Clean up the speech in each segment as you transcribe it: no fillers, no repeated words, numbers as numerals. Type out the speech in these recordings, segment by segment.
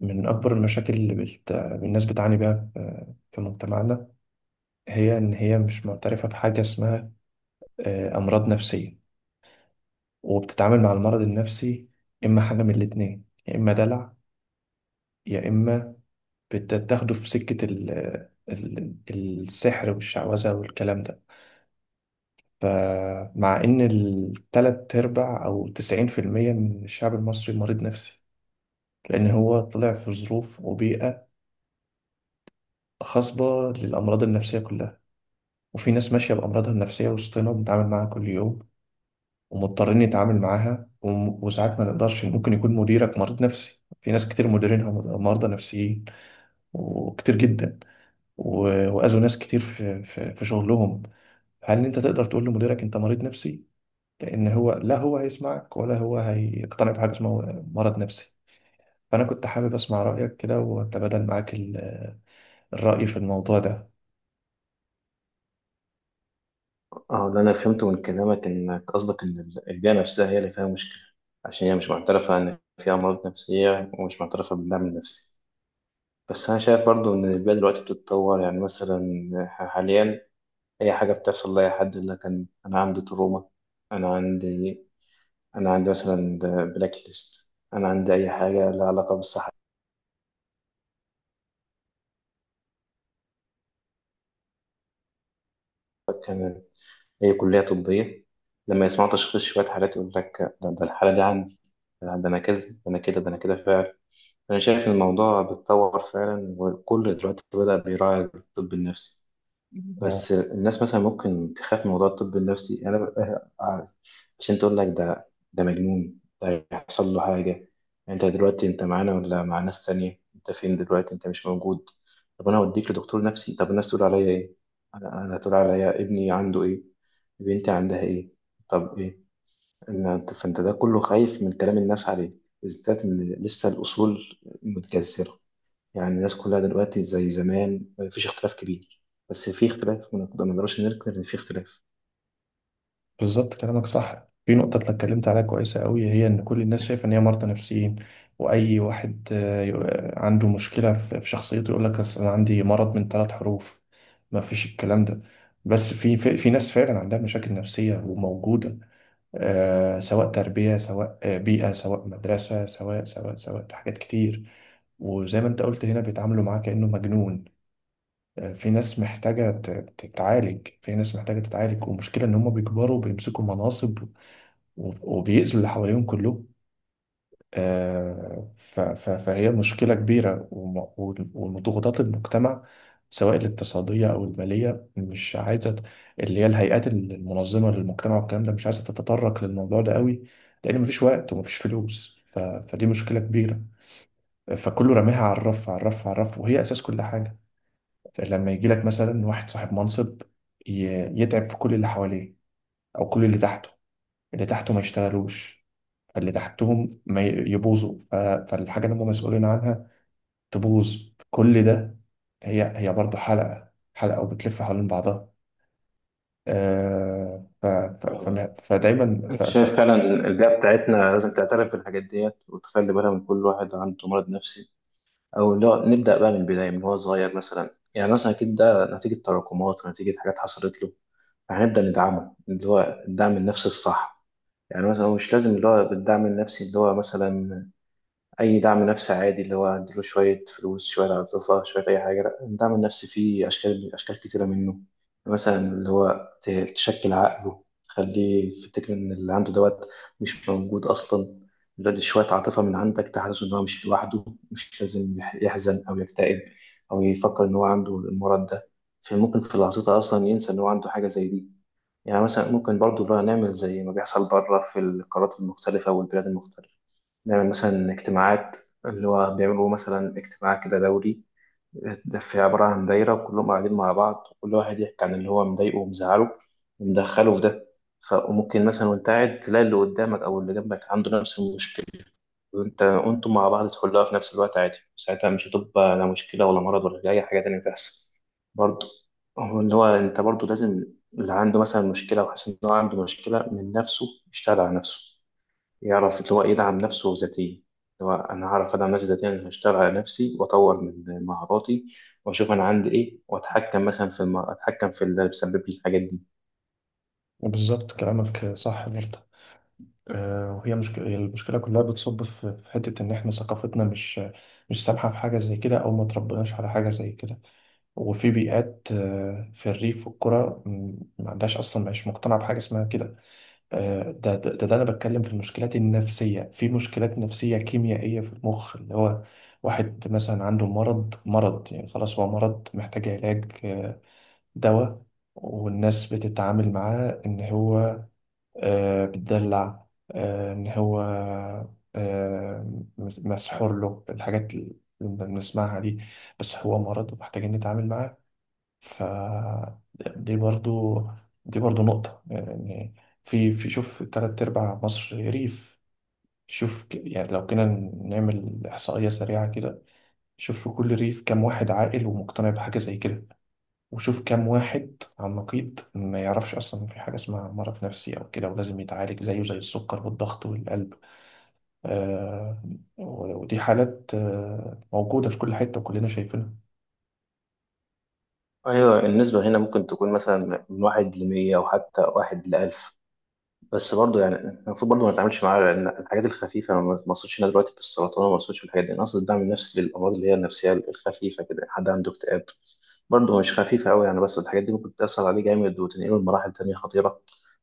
من أكبر المشاكل اللي الناس بتعاني بيها في مجتمعنا. هي إن هي مش معترفة بحاجة اسمها أمراض نفسية، وبتتعامل مع المرض النفسي إما حاجة من الاتنين، يا إما دلع، يا إما بتاخده في سكة السحر والشعوذة والكلام ده. فمع إن التلات أرباع أو 90% من الشعب المصري مريض نفسي، لأن هو طلع في ظروف وبيئة خصبة للأمراض النفسية كلها. وفي ناس ماشية بأمراضها النفسية وسطنا، بنتعامل معاها كل يوم ومضطرين نتعامل معاها، وساعات ما نقدرش. ممكن يكون مديرك مريض نفسي، في ناس كتير مديرينها مرضى نفسيين، وكتير جدا وأذوا ناس كتير في شغلهم. هل أنت تقدر تقول لمديرك أنت مريض نفسي؟ لأن هو لا هو هيسمعك ولا هو هيقتنع بحاجة اسمها مرض نفسي. فأنا كنت حابب أسمع رأيك كده وأتبادل معاك الرأي في الموضوع ده. اه ده انا فهمته من كلامك انك قصدك ان البيئه نفسها هي اللي فيها مشكله، عشان هي مش معترفه ان فيها امراض نفسيه ومش معترفه بالدعم النفسي. بس انا شايف برضو ان البيئه دلوقتي بتتطور، يعني مثلا حاليا اي حاجه بتحصل لاي حد يقول لك أنا عندي تروما، انا عندي انا عندي مثلا بلاك ليست، انا عندي اي حاجه لها علاقه بالصحه. أنا اي كليه طبيه لما يسمعوا تشخيص شويه حالات يقول لك ده الحاله دي عندي، ده انا كذا ده انا كده ده انا كده فعلا. أنا شايف الموضوع بيتطور فعلا، وكل دلوقتي بدأ بيراعي الطب النفسي. بس الناس مثلا ممكن تخاف من موضوع الطب النفسي، عشان تقول لك ده مجنون، ده هيحصل له حاجة. أنت دلوقتي أنت معانا ولا مع ناس تانية؟ أنت فين دلوقتي؟ أنت مش موجود. طب أنا أوديك لدكتور نفسي، طب الناس تقول عليا إيه؟ أنا تقول عليا ابني عنده إيه؟ بنتي عندها إيه؟ طب إيه؟ فأنت ده كله خايف من كلام الناس عليه، بالذات إن لسه الأصول متجذرة. يعني الناس كلها دلوقتي زي زمان، مفيش اختلاف كبير، بس في اختلاف، ما نقدرش ننكر ان في اختلاف. بالظبط، كلامك صح في نقطة أنا اتكلمت عليها كويسة قوي، هي إن كل الناس شايفة إن هي مرضى نفسيين، وأي واحد عنده مشكلة في شخصيته يقول لك أصل أنا عندي مرض من ثلاث حروف. ما فيش الكلام ده. بس في ناس فعلا عندها مشاكل نفسية وموجودة، سواء تربية، سواء بيئة، سواء مدرسة، سواء حاجات كتير. وزي ما انت قلت هنا بيتعاملوا معاه كأنه مجنون. في ناس محتاجة تتعالج، في ناس محتاجة تتعالج، والمشكلة ان هم بيكبروا بيمسكوا مناصب وبيأذوا اللي حواليهم كله. فهي مشكلة كبيرة، وضغوطات المجتمع، سواء الاقتصادية أو المالية، مش عايزة اللي هي الهيئات المنظمة للمجتمع والكلام ده مش عايزة تتطرق للموضوع ده قوي، لأن مفيش وقت ومفيش فلوس. فدي مشكلة كبيرة، فكله راميها على الرف على الرف على الرف، وهي أساس كل حاجة. لما يجيلك مثلا واحد صاحب منصب يتعب في كل اللي حواليه أو كل اللي تحته، اللي تحته ما يشتغلوش، فاللي تحتهم ما ي- يبوظوا، فالحاجة اللي هم مسؤولين عنها تبوظ كل ده. هي برضه حلقة حلقة وبتلف حوالين بعضها. آه ف ف آه، فما- فدايما ف انت ف شايف فعلا البيئة بتاعتنا لازم تعترف بالحاجات ديت وتخلي بالها من كل واحد عنده مرض نفسي، او لا نبدأ بقى من البداية من هو صغير، مثلا يعني مثلا اكيد ده نتيجة تراكمات ونتيجة حاجات حصلت له، فهنبدأ ندعمه اللي هو الدعم النفسي الصح. يعني مثلا هو مش لازم اللي هو بالدعم النفسي اللي هو مثلا أي دعم نفسي عادي اللي هو أديله شوية فلوس، شوية عاطفة، شوية أي حاجة، لأ الدعم النفسي فيه أشكال، أشكال كتيرة منه. مثلا اللي هو تشكل عقله، تخليه يفتكر إن اللي عنده دوت مش موجود أصلا. اللي هو دي شوية عاطفة من عندك تحسسه إن هو مش لوحده، مش لازم يحزن أو يكتئب، أو يفكر إن هو عنده المرض ده. فممكن في لحظتها أصلا ينسى إن هو عنده حاجة زي دي. يعني مثلا ممكن برضه اللي هو نعمل زي ما بيحصل بره في القارات المختلفة والبلاد المختلفة، نعمل مثلا اجتماعات، اللي هو بيعملوا مثلا اجتماع كده دوري، ده في عبارة عن دايرة وكلهم قاعدين مع بعض، وكل واحد يحكي عن اللي هو مضايقه ومزعله ومدخله في ده. وممكن مثلا وانت قاعد تلاقي اللي قدامك او اللي جنبك عنده نفس المشكلة، وانت وانتم مع بعض تحلها في نفس الوقت عادي. ساعتها مش هتبقى لا مشكلة ولا مرض ولا أي حاجة تانية تحصل. برضه هو اللي هو انت برضه لازم، اللي عنده مثلا مشكلة وحاسس ان هو عنده مشكلة من نفسه يشتغل على نفسه، يعرف اللي هو يدعم نفسه ذاتيا. اللي هو أنا هعرف أدعم نفسي ذاتيا، أنا هشتغل على نفسي وأطور من مهاراتي، وأشوف أنا عندي إيه، وأتحكم مثلا في أتحكم في اللي بيسبب لي الحاجات دي. بالظبط، كلامك صح برضه. وهي مشكلة، المشكلة كلها بتصب في حتة إن إحنا ثقافتنا مش سامحة في حاجة زي كده، أو ما تربناش على حاجة زي كده. وفي بيئات، في الريف والقرى ما عندهاش أصلا، مش مقتنعة بحاجة اسمها كده. ده انا بتكلم في المشكلات النفسيه، في مشكلات نفسيه كيميائيه في المخ، اللي هو واحد مثلا عنده مرض، يعني خلاص هو مرض محتاج علاج، دواء. والناس بتتعامل معاه ان هو بتدلع، ان هو مسحور له، الحاجات اللي بنسمعها دي. بس هو مرض، ومحتاجين نتعامل معاه. ف دي برضو دي برضو نقطة يعني. في شوف تلات أرباع مصر ريف. شوف يعني لو كنا نعمل إحصائية سريعة كده، شوف في كل ريف كام واحد عاقل ومقتنع بحاجة زي كده، وشوف كام واحد على النقيض ما يعرفش أصلا إن في حاجة اسمها مرض نفسي أو كده، ولازم يتعالج زيه زي السكر والضغط والقلب. آه ودي حالات موجودة في كل حتة وكلنا شايفينها. أيوة، النسبة هنا ممكن تكون مثلا من واحد لمية أو حتى واحد لألف، بس برضه يعني المفروض برضه ما نتعاملش معاها، لأن الحاجات الخفيفة أنا ما اقصدش هنا دلوقتي في السرطان، وما اقصدش في الحاجات دي، أنا أقصد الدعم النفسي للأمراض اللي هي النفسية الخفيفة كده، حد عنده اكتئاب. برضه مش خفيفة أوي يعني، بس الحاجات دي ممكن تأثر عليه جامد وتنقله لمراحل تانية خطيرة.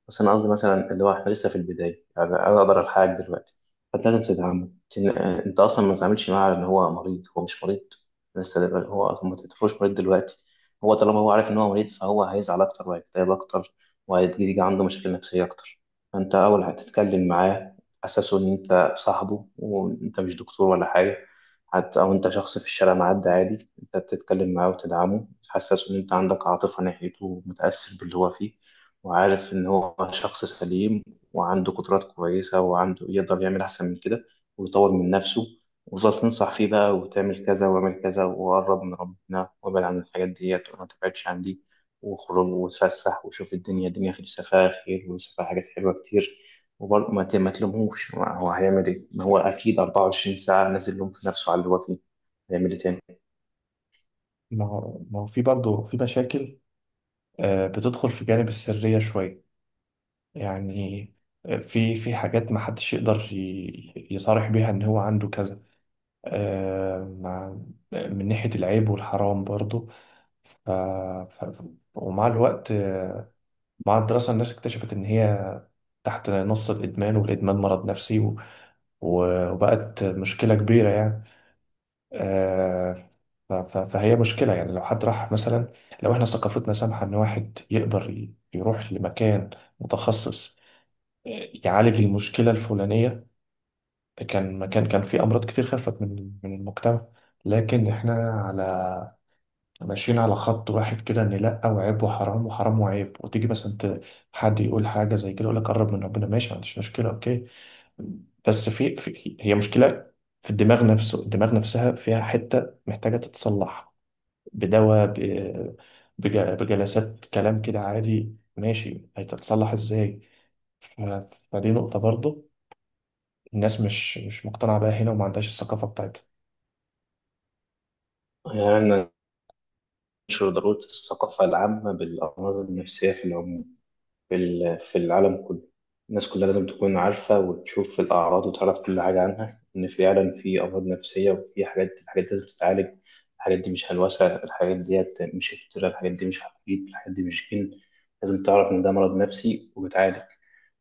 بس أنا قصدي مثلا اللي هو إحنا لسه في البداية، يعني أنا أقدر ألحقك دلوقتي. فأنت لازم تتعامل أنت أصلا ما تتعاملش معاه على إن هو مريض، هو مش مريض لسه هو أصلا، ما تعتبروش مريض دلوقتي. هو طالما هو عارف إن هو مريض فهو هيزعل أكتر وهيكتئب أكتر، وهيجي عنده مشاكل نفسية أكتر. فأنت أول هتتكلم معاه أساسه إن أنت صاحبه وأنت مش دكتور ولا حاجة، حتى أو أنت شخص في الشارع معدي عادي، أنت بتتكلم معاه وتدعمه، تحسسه إن أنت عندك عاطفة ناحيته ومتأثر باللي هو فيه، وعارف إن هو شخص سليم وعنده قدرات كويسة، وعنده يقدر يعمل أحسن من كده ويطور من نفسه. وتفضل تنصح فيه بقى وتعمل كذا واعمل كذا وقرب من ربنا وابعد عن الحاجات ديت وما تبعدش عن دي، وخرج وتفسح وشوف الدنيا، الدنيا في فيها خير وفيها حاجات حلوة كتير. وبرضه ما تلومهوش، ما هو هيعمل ايه؟ ما هو اكيد 24 ساعه نازل لوم في نفسه على اللي هو فيه، هيعمل ايه تاني؟ ما هو في برضه في مشاكل بتدخل في جانب السرية شوية، يعني في حاجات ما حدش يقدر يصارح بيها ان هو عنده كذا، آه، مع من ناحية العيب والحرام برضو. ف... ف... ومع الوقت، مع الدراسة الناس اكتشفت ان هي تحت نص، الإدمان والإدمان مرض نفسي وبقت مشكلة كبيرة يعني. آه، فهي مشكلة، يعني لو حد راح مثلا، لو احنا ثقافتنا سامحة ان واحد يقدر يروح لمكان متخصص، يعالج المشكلة الفلانية، كان مكان، كان في أمراض كتير خفت من المجتمع. لكن احنا على ماشيين على خط واحد كده، ان لا، وعيب وحرام وحرام وعيب، وتيجي مثلا حد يقول حاجة زي كده يقول لك قرب من ربنا، ماشي، ما عنديش مشكلة، اوكي. بس في هي مشكلة، في الدماغ نفسه، الدماغ نفسها فيها حتة محتاجة تتصلح بدواء، بجلسات كلام كده، عادي ماشي، هتتصلح ازاي؟ ف- فدي نقطة برضه، الناس مش مقتنعة بيها هنا وما عندهاش الثقافة بتاعتها. يعني ننشر ضروره الثقافه العامه بالامراض النفسيه في العموم، في في العالم كله. الناس كلها لازم تكون عارفة وتشوف الأعراض وتعرف كل حاجة عنها، إن فعلا في أمراض نفسية وفي حاجات، الحاجات دي لازم تتعالج. الحاجات دي مش هلوسة، الحاجات ديت مش افتراء، الحاجات دي مش عفريت، الحاجات دي مش جن. لازم تعرف إن ده مرض نفسي وبيتعالج.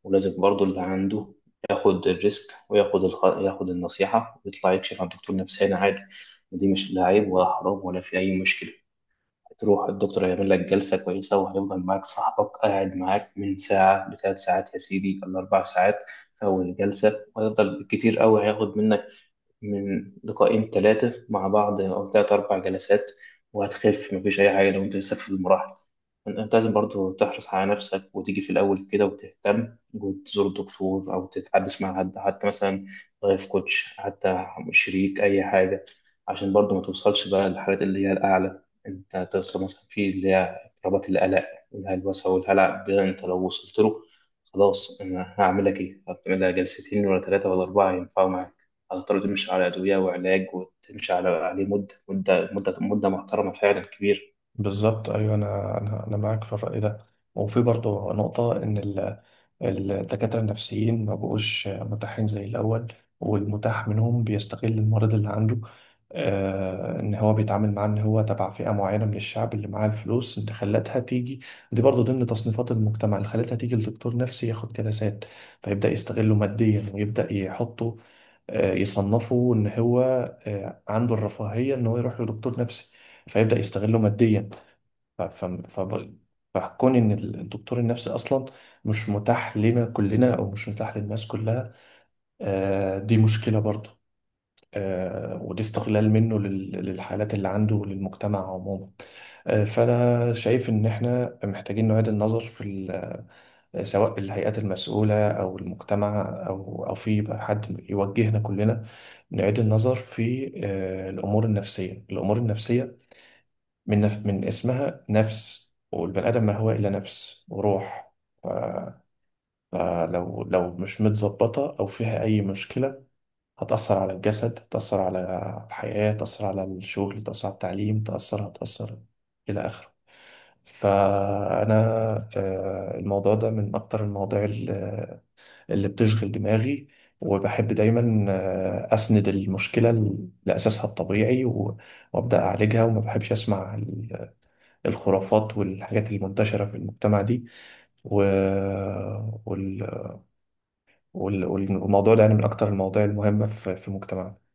ولازم برضو اللي عنده ياخد الريسك وياخد ياخد النصيحة ويطلع يكشف عن دكتور نفساني عادي. ودي مش لا عيب ولا حرام ولا في أي مشكلة. هتروح الدكتور هيعمل لك جلسة كويسة، وهيفضل معاك صاحبك قاعد معاك من ساعة لثلاث ساعات يا سيدي ولا أربع ساعات في أول الجلسة. وهيفضل بالكتير أوي هياخد منك من لقاءين ثلاثة مع بعض أو ثلاث أربع جلسات وهتخف، مفيش أي حاجة. لو أنت لسه في المراحل، أنت لازم برضو تحرص على نفسك وتيجي في الأول كده وتهتم، وتزور دكتور أو تتحدث مع حد حتى، مثلا لايف كوتش حتى، شريك، أي حاجة، عشان برضو ما توصلش بقى للحالات اللي هي الأعلى. أنت توصل مثلا في اللي هي اضطرابات القلق والهلوسة والهلع، ده أنت لو وصلت له خلاص أنا هعمل لك إيه؟ هعمل لها جلستين ولا ثلاثة ولا أربعة ينفعوا معاك، هتضطر تمشي على أدوية وعلاج، وتمشي على عليه مدة مدة مدة مدة محترمة فعلا كبيرة. بالظبط، ايوه، انا معاك في الرأي ده. وفي برضه نقطة ان الدكاترة النفسيين ما بقوش متاحين زي الأول، والمتاح منهم بيستغل المريض اللي عنده، إن هو بيتعامل معاه إن هو تبع فئة معينة من الشعب اللي معاه الفلوس اللي خلتها تيجي، دي برضه ضمن تصنيفات المجتمع اللي خلتها تيجي لدكتور نفسي ياخد جلسات، فيبدأ يستغله ماديا ويبدأ يحطه، يصنفه إن هو عنده الرفاهية إن هو يروح لدكتور نفسي، فيبدأ يستغله ماديا. ف- ف- ف- فكون ان الدكتور النفسي اصلا مش متاح لنا كلنا، او مش متاح للناس كلها، دي مشكله برضه، ودي استغلال منه للحالات اللي عنده وللمجتمع عموما. فانا شايف ان احنا محتاجين نعيد النظر في سواء الهيئات المسؤوله، او المجتمع، او في بقى حد يوجهنا كلنا، نعيد النظر في الامور النفسيه، من اسمها نفس، والبني آدم ما هو إلا نفس وروح. ف... فلو لو مش متظبطة أو فيها أي مشكلة، هتأثر على الجسد، هتأثر على الحياة، تأثر على الشغل، تأثر على التعليم، هتأثر، إلى آخره. فأنا الموضوع ده من أكتر المواضيع اللي بتشغل دماغي، وبحب دايما أسند المشكلة لأساسها الطبيعي، وأبدأ أعالجها، وما بحبش أسمع الخرافات والحاجات المنتشرة في المجتمع دي. و... وال... والموضوع ده يعني من أكتر المواضيع المهمة في مجتمعنا.